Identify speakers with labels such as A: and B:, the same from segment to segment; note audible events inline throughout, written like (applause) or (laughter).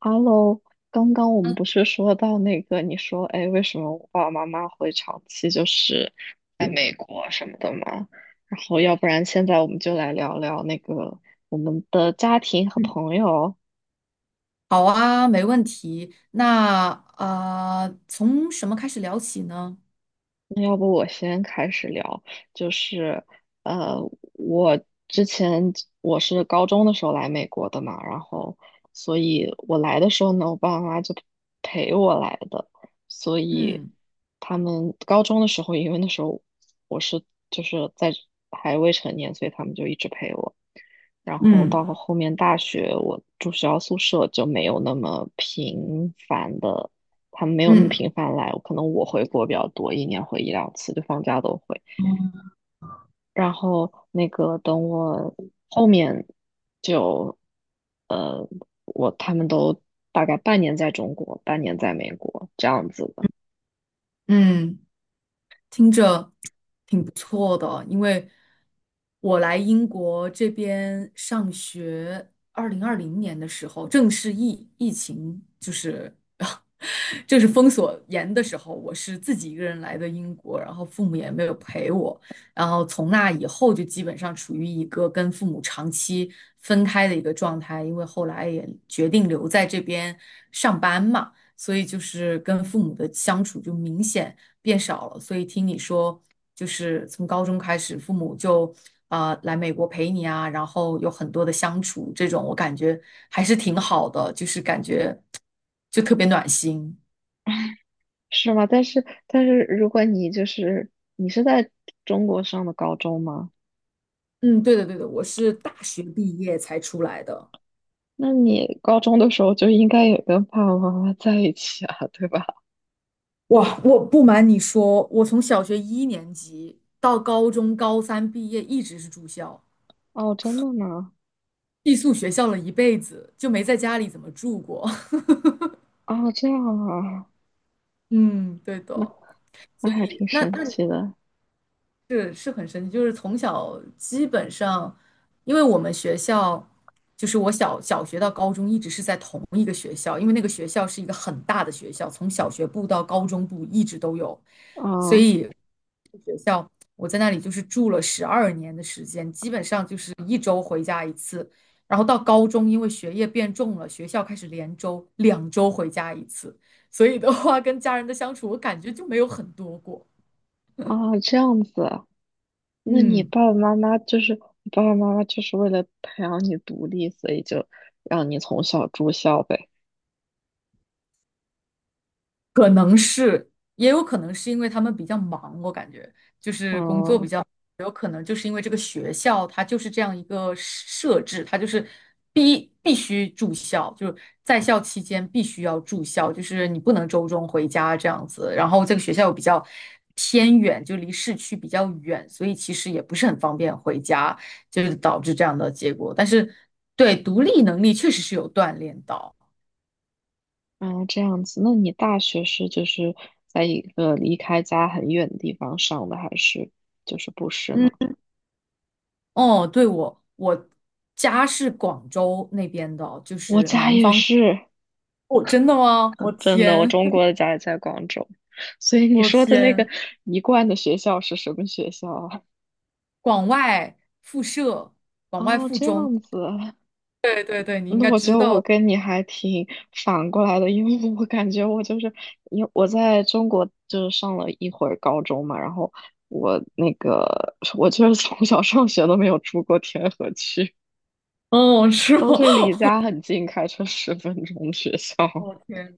A: Hello，刚刚我们不是说到那个，你说，哎，为什么我爸爸妈妈会长期就是在美国什么的吗？然后，要不然现在我们就来聊聊那个我们的家庭和
B: 嗯，
A: 朋友。
B: 好啊，没问题。那从什么开始聊起呢？
A: 那要不我先开始聊，就是呃，我之前我是高中的时候来美国的嘛，然后所以我来的时候呢，我爸爸妈妈就陪我来的，所以
B: 嗯
A: 他们高中的时候，因为那时候我是就是在还未成年，所以他们就一直陪我。然后
B: 嗯
A: 到后面大学，我住学校宿舍就没有那么频繁的。他们没有那么
B: 嗯
A: 频繁来，可能我回国比较多，一年回一两次，就放假都回。然后那个等我后面就呃，我他们都大概半年在中国，半年在美国这样子的。
B: 嗯，听着挺不错的，因为我来英国这边上学，2020年的时候，正是疫情就是 (laughs) 正是封锁严的时候，我是自己一个人来的英国，然后父母也没有陪我，然后从那以后就基本上处于一个跟父母长期分开的一个状态，因为后来也决定留在这边上班嘛。所以就是跟父母的相处就明显变少了。所以听你说，就是从高中开始，父母就啊来美国陪你啊，然后有很多的相处，这种我感觉还是挺好的，就是感觉就特别暖心。
A: 是吗？但是如果你就是你是在中国上的高中吗？
B: 嗯，对的，对的，我是大学毕业才出来的。
A: 那你高中的时候就应该也跟爸爸妈妈在一起啊，对吧？
B: 哇，我不瞒你说，我从小学一年级到高中高三毕业，一直是住校，
A: 哦，真的吗？
B: 寄宿学校了一辈子，就没在家里怎么住过。(laughs)
A: 哦，这样啊，
B: 嗯，对
A: 那
B: 的。
A: 那还挺
B: 那
A: 神
B: 那你
A: 奇的。
B: 是很神奇，就是从小基本上，因为我们学校就是我小学到高中一直是在同一个学校，因为那个学校是一个很大的学校，从小学部到高中部一直都有，所
A: 啊
B: 以学校我在那里就是住了12年的时间，基本上就是一周回家一次，然后到高中因为学业变重了，学校开始连周2周回家一次，所以的话跟家人的相处我感觉就没有很多过，
A: 啊，这样子，那你
B: 嗯。
A: 爸爸妈妈就是你爸爸妈妈就是为了培养你独立，所以就让你从小住校呗。
B: 可能是，也有可能是因为他们比较忙，我感觉就是工作
A: 嗯
B: 比较，有可能就是因为这个学校它就是这样一个设置，它就是必须住校，就是在校期间必须要住校，就是你不能周中回家这样子。然后这个学校又比较偏远，就离市区比较远，所以其实也不是很方便回家，就是导致这样的结果。但是对独立能力确实是有锻炼到。
A: 嗯，这样子，那你大学是就是在一个离开家很远的地方上的，还是就是不是呢？
B: 嗯。哦，对，我家是广州那边的，就
A: 我
B: 是
A: 家
B: 南
A: 也
B: 方。
A: 是。
B: 哦，真的吗？
A: (laughs)
B: 我
A: 嗯真的，我
B: 天，
A: 中国
B: (laughs)
A: 的家也在广州，所以你
B: 我
A: 说的那个
B: 天，
A: 一贯的学校是什么学校啊？
B: 广外附设，广外
A: 哦，
B: 附
A: 这
B: 中。
A: 样子。
B: 对对对，你应
A: 那
B: 该
A: 我觉
B: 知
A: 得我
B: 道。
A: 跟你还挺反过来的，因为我感觉我就是，因为我在中国就是上了一会儿高中嘛，然后我那个 (laughs) 我就是从小上学都没有出过天河区，
B: 哦，是
A: 都
B: 吗？
A: 是离家很近，开车十分钟学校。
B: (laughs) 我天，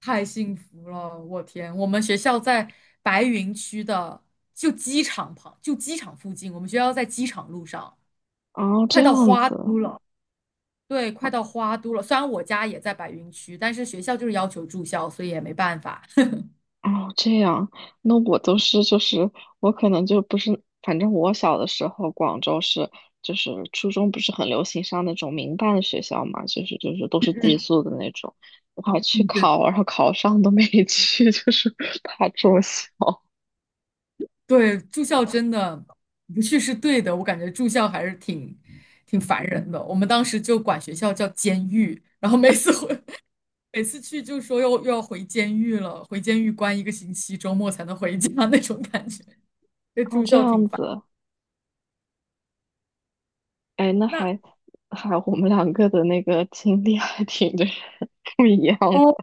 B: 太幸福了！我天，我们学校在白云区的，就机场旁，就机场附近。我们学校在机场路上，
A: 哦，这
B: 快
A: 样
B: 到花
A: 子。
B: 都了。对，快到花都了。虽然我家也在白云区，但是学校就是要求住校，所以也没办法。
A: 哦，这样，那我都是就是我可能就不是，反正我小的时候，广州是就是初中不是很流行上那种民办学校嘛，就是都是寄宿的那种，我还去
B: 嗯，对
A: 考，然后考上都没 (laughs) 去，就是怕住校。
B: 对，住校真的不去是对的，我感觉住校还是挺烦人的。我们当时就管学校叫监狱，然后每次回 (laughs) 每次去就说又要回监狱了，回监狱关一个星期，周末才能回家 (laughs) 那种感觉。这
A: 哦，
B: 住
A: 这
B: 校
A: 样
B: 挺烦。
A: 子，哎，那
B: 那
A: 还还我们两个的那个经历还挺 (laughs) 这样，
B: 哦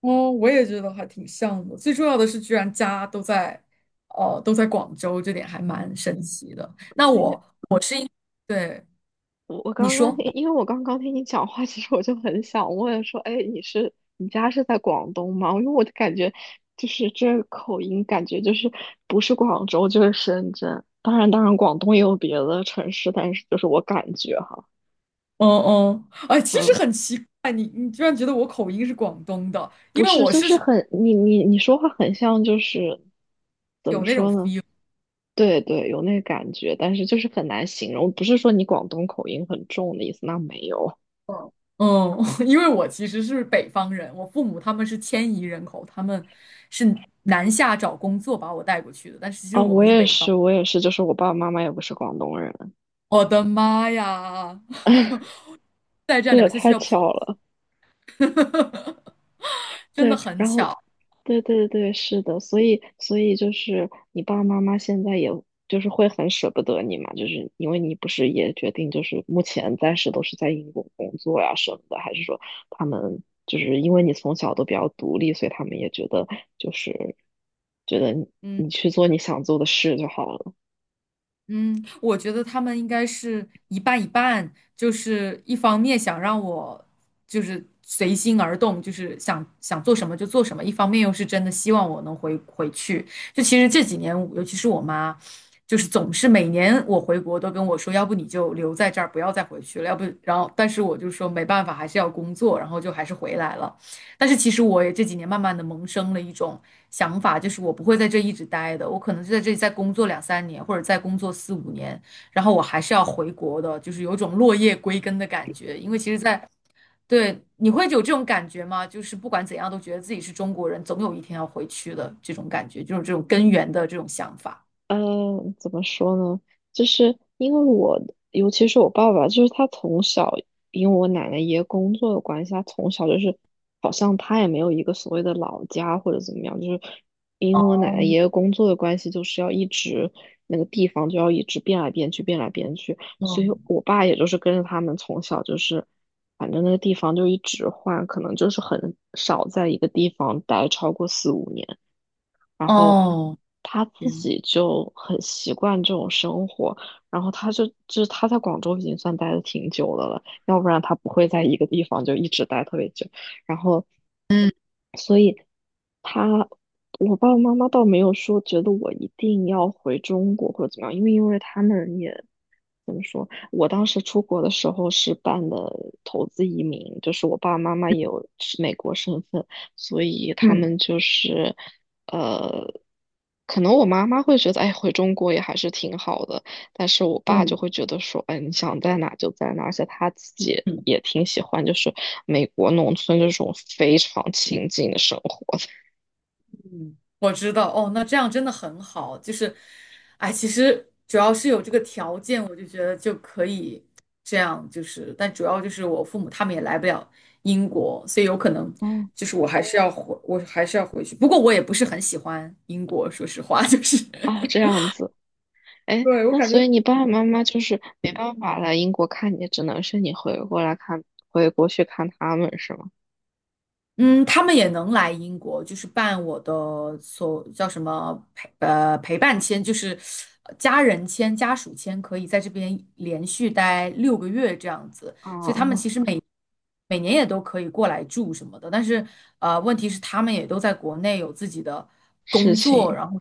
B: 哦，我也觉得还挺像的。最重要的是，居然家都在哦都在广州，这点还蛮神奇的。那
A: 对，
B: 我对，
A: 我
B: 你
A: 刚刚
B: 说。
A: 听，因为我刚刚听你讲话，其实我就很想问说，哎，你是你家是在广东吗？因为我就感觉就是这个口音，感觉就是不是广州就是深圳。当然，当然，广东也有别的城市，但是就是我感觉哈，
B: 嗯嗯，哎，其实
A: 嗯，
B: 很奇怪，你居然觉得我口音是广东的，因
A: 不
B: 为
A: 是，
B: 我
A: 就
B: 是
A: 是很你说话很像，就是怎么
B: 有那种
A: 说呢？
B: feel，
A: 对对，有那个感觉，但是就是很难形容。不是说你广东口音很重的意思，那没有。
B: 嗯，嗯 (laughs) 因为我其实是北方人，我父母他们是迁移人口，他们是南下找工作把我带过去的，但是其实
A: 啊、
B: 我
A: 我
B: 们是
A: 也
B: 北方，
A: 是，我也是，就是我爸爸妈妈也不是广东人。
B: 我的妈呀，
A: (laughs)
B: (laughs) 再这
A: 这
B: 样
A: 也
B: 聊下去
A: 太
B: 要跑，
A: 巧了，
B: (laughs) 真的
A: 对，
B: 很
A: 然后，
B: 巧，
A: 对对对，是的，所以所以就是你爸爸妈妈现在也就是会很舍不得你嘛，就是因为你不是也决定就是目前暂时都是在英国工作呀什么的，还是说他们就是因为你从小都比较独立，所以他们也觉得就是觉得你
B: 嗯。
A: 你去做你想做的事就好了。
B: 嗯，我觉得他们应该是一半一半，就是一方面想让我就是随心而动，就是想想做什么就做什么，一方面又是真的希望我能回去。就其实这几年，尤其是我妈，就是总是每年我回国都跟我说，要不你就留在这儿，不要再回去了，要不然后，但是我就说没办法，还是要工作，然后就还是回来了。但是其实我也这几年慢慢的萌生了一种想法，就是我不会在这一直待的，我可能就在这里再工作2、3年，或者再工作四五年，然后我还是要回国的，就是有种落叶归根的感觉。因为其实在，对，你会有这种感觉吗？就是不管怎样都觉得自己是中国人，总有一天要回去的这种感觉，就是这种根源的这种想法。
A: 嗯，怎么说呢？就是因为我，尤其是我爸爸，就是他从小，因为我奶奶爷爷工作的关系，他从小就是好像他也没有一个所谓的老家或者怎么样，就是因为我奶奶爷爷工作的关系，就是要一直那个地方就要一直变来变去，变来变去，
B: 哦
A: 所以我爸也就是跟着他们从小就是，反正那个地方就一直换，可能就是很少在一个地方待超过四五年。然后
B: 哦，
A: 他自
B: 天
A: 己就很习惯这种生活，然后他就是他在广州已经算待的挺久的了，要不然他不会在一个地方就一直待特别久。然后。所以。他，我爸爸妈妈倒没有说觉得我一定要回中国或者怎么样，因为他们也怎么说，我当时出国的时候是办的投资移民，就是我爸爸妈妈也有是美国身份，所以他
B: 嗯
A: 们就是呃，可能我妈妈会觉得，哎，回中国也还是挺好的，但是我爸就
B: 嗯
A: 会觉得说，哎，你想在哪就在哪，而且他自己也
B: 嗯。
A: 也挺喜欢，就是美国农村这种非常清静的生活。
B: 嗯，我知道哦，那这样真的很好。就是，哎，其实主要是有这个条件，我就觉得就可以这样。就是，但主要就是我父母他们也来不了英国，所以有可能
A: 哦，
B: 就是我还是要回去。不过我也不是很喜欢英国，说实话，就是 (laughs)
A: 啊，这样子，哎，
B: 对，我
A: 那
B: 感觉
A: 所以你爸爸妈妈就是没办法来英国看你，只能是你回过来看，回国去看他们是吗？
B: 嗯，他们也能来英国，就是办我的所叫什么陪伴签，就是家人签、家属签，可以在这边连续待6个月这样子。所以他们其
A: 啊，
B: 实每年也都可以过来住什么的，但是问题是他们也都在国内有自己的
A: 事
B: 工
A: 情，
B: 作，然后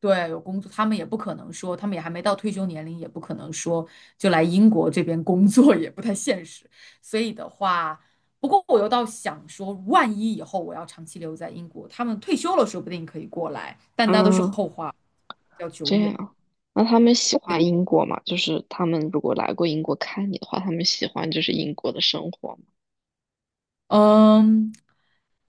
B: 对，有工作，他们也不可能说，他们也还没到退休年龄，也不可能说就来英国这边工作，也不太现实。所以的话，不过我又倒想说，万一以后我要长期留在英国，他们退休了，说不定可以过来，但
A: 啊，
B: 那都是后话，比较久
A: 这
B: 远。
A: 样，那他们喜欢英国吗？就是他们如果来过英国看你的话，他们喜欢就是英国的生活吗？
B: 嗯，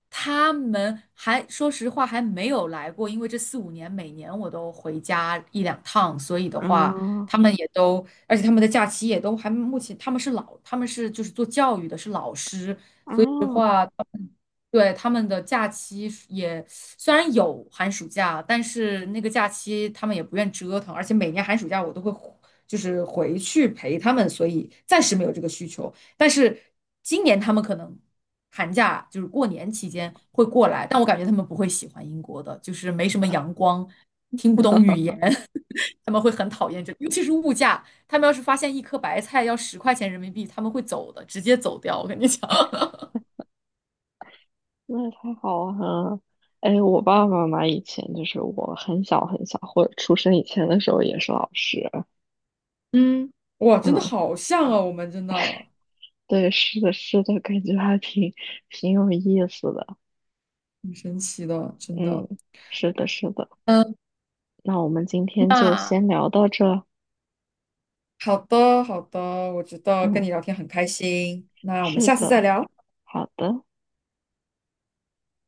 B: 他们还说实话还没有来过，因为这四五年每年我都回家1、2趟，所以的话，
A: 啊
B: 他们也都，而且他们的假期也都还目前他们是就是做教育的，是老师，所以的
A: 啊，
B: 话。对，他们的假期是也虽然有寒暑假，但是那个假期他们也不愿折腾，而且每年寒暑假我都会就是回去陪他们，所以暂时没有这个需求。但是今年他们可能寒假就是过年期间会过来，但我感觉他们不会喜欢英国的，就是没什么阳光，听不懂语言，(laughs) 他们会很讨厌这，尤其是物价，他们要是发现一颗白菜要10块钱人民币，他们会走的，直接走掉，我跟你讲。(laughs)
A: 那也太好玩了！哎，我爸爸妈妈以前就是我很小很小，或者出生以前的时候也是老师，
B: 嗯，哇，真的
A: 嗯。
B: 好像啊，我们真的
A: 对，是的，是的，感觉还挺挺有意思的。
B: 很神奇的，真的。
A: 嗯，是的，是的。
B: 嗯，
A: 那我们今天就
B: 那
A: 先聊到这。
B: 好的，好的，我觉得跟
A: 嗯，
B: 你聊天很开心，那我们
A: 是
B: 下次再
A: 的，
B: 聊。
A: 好的。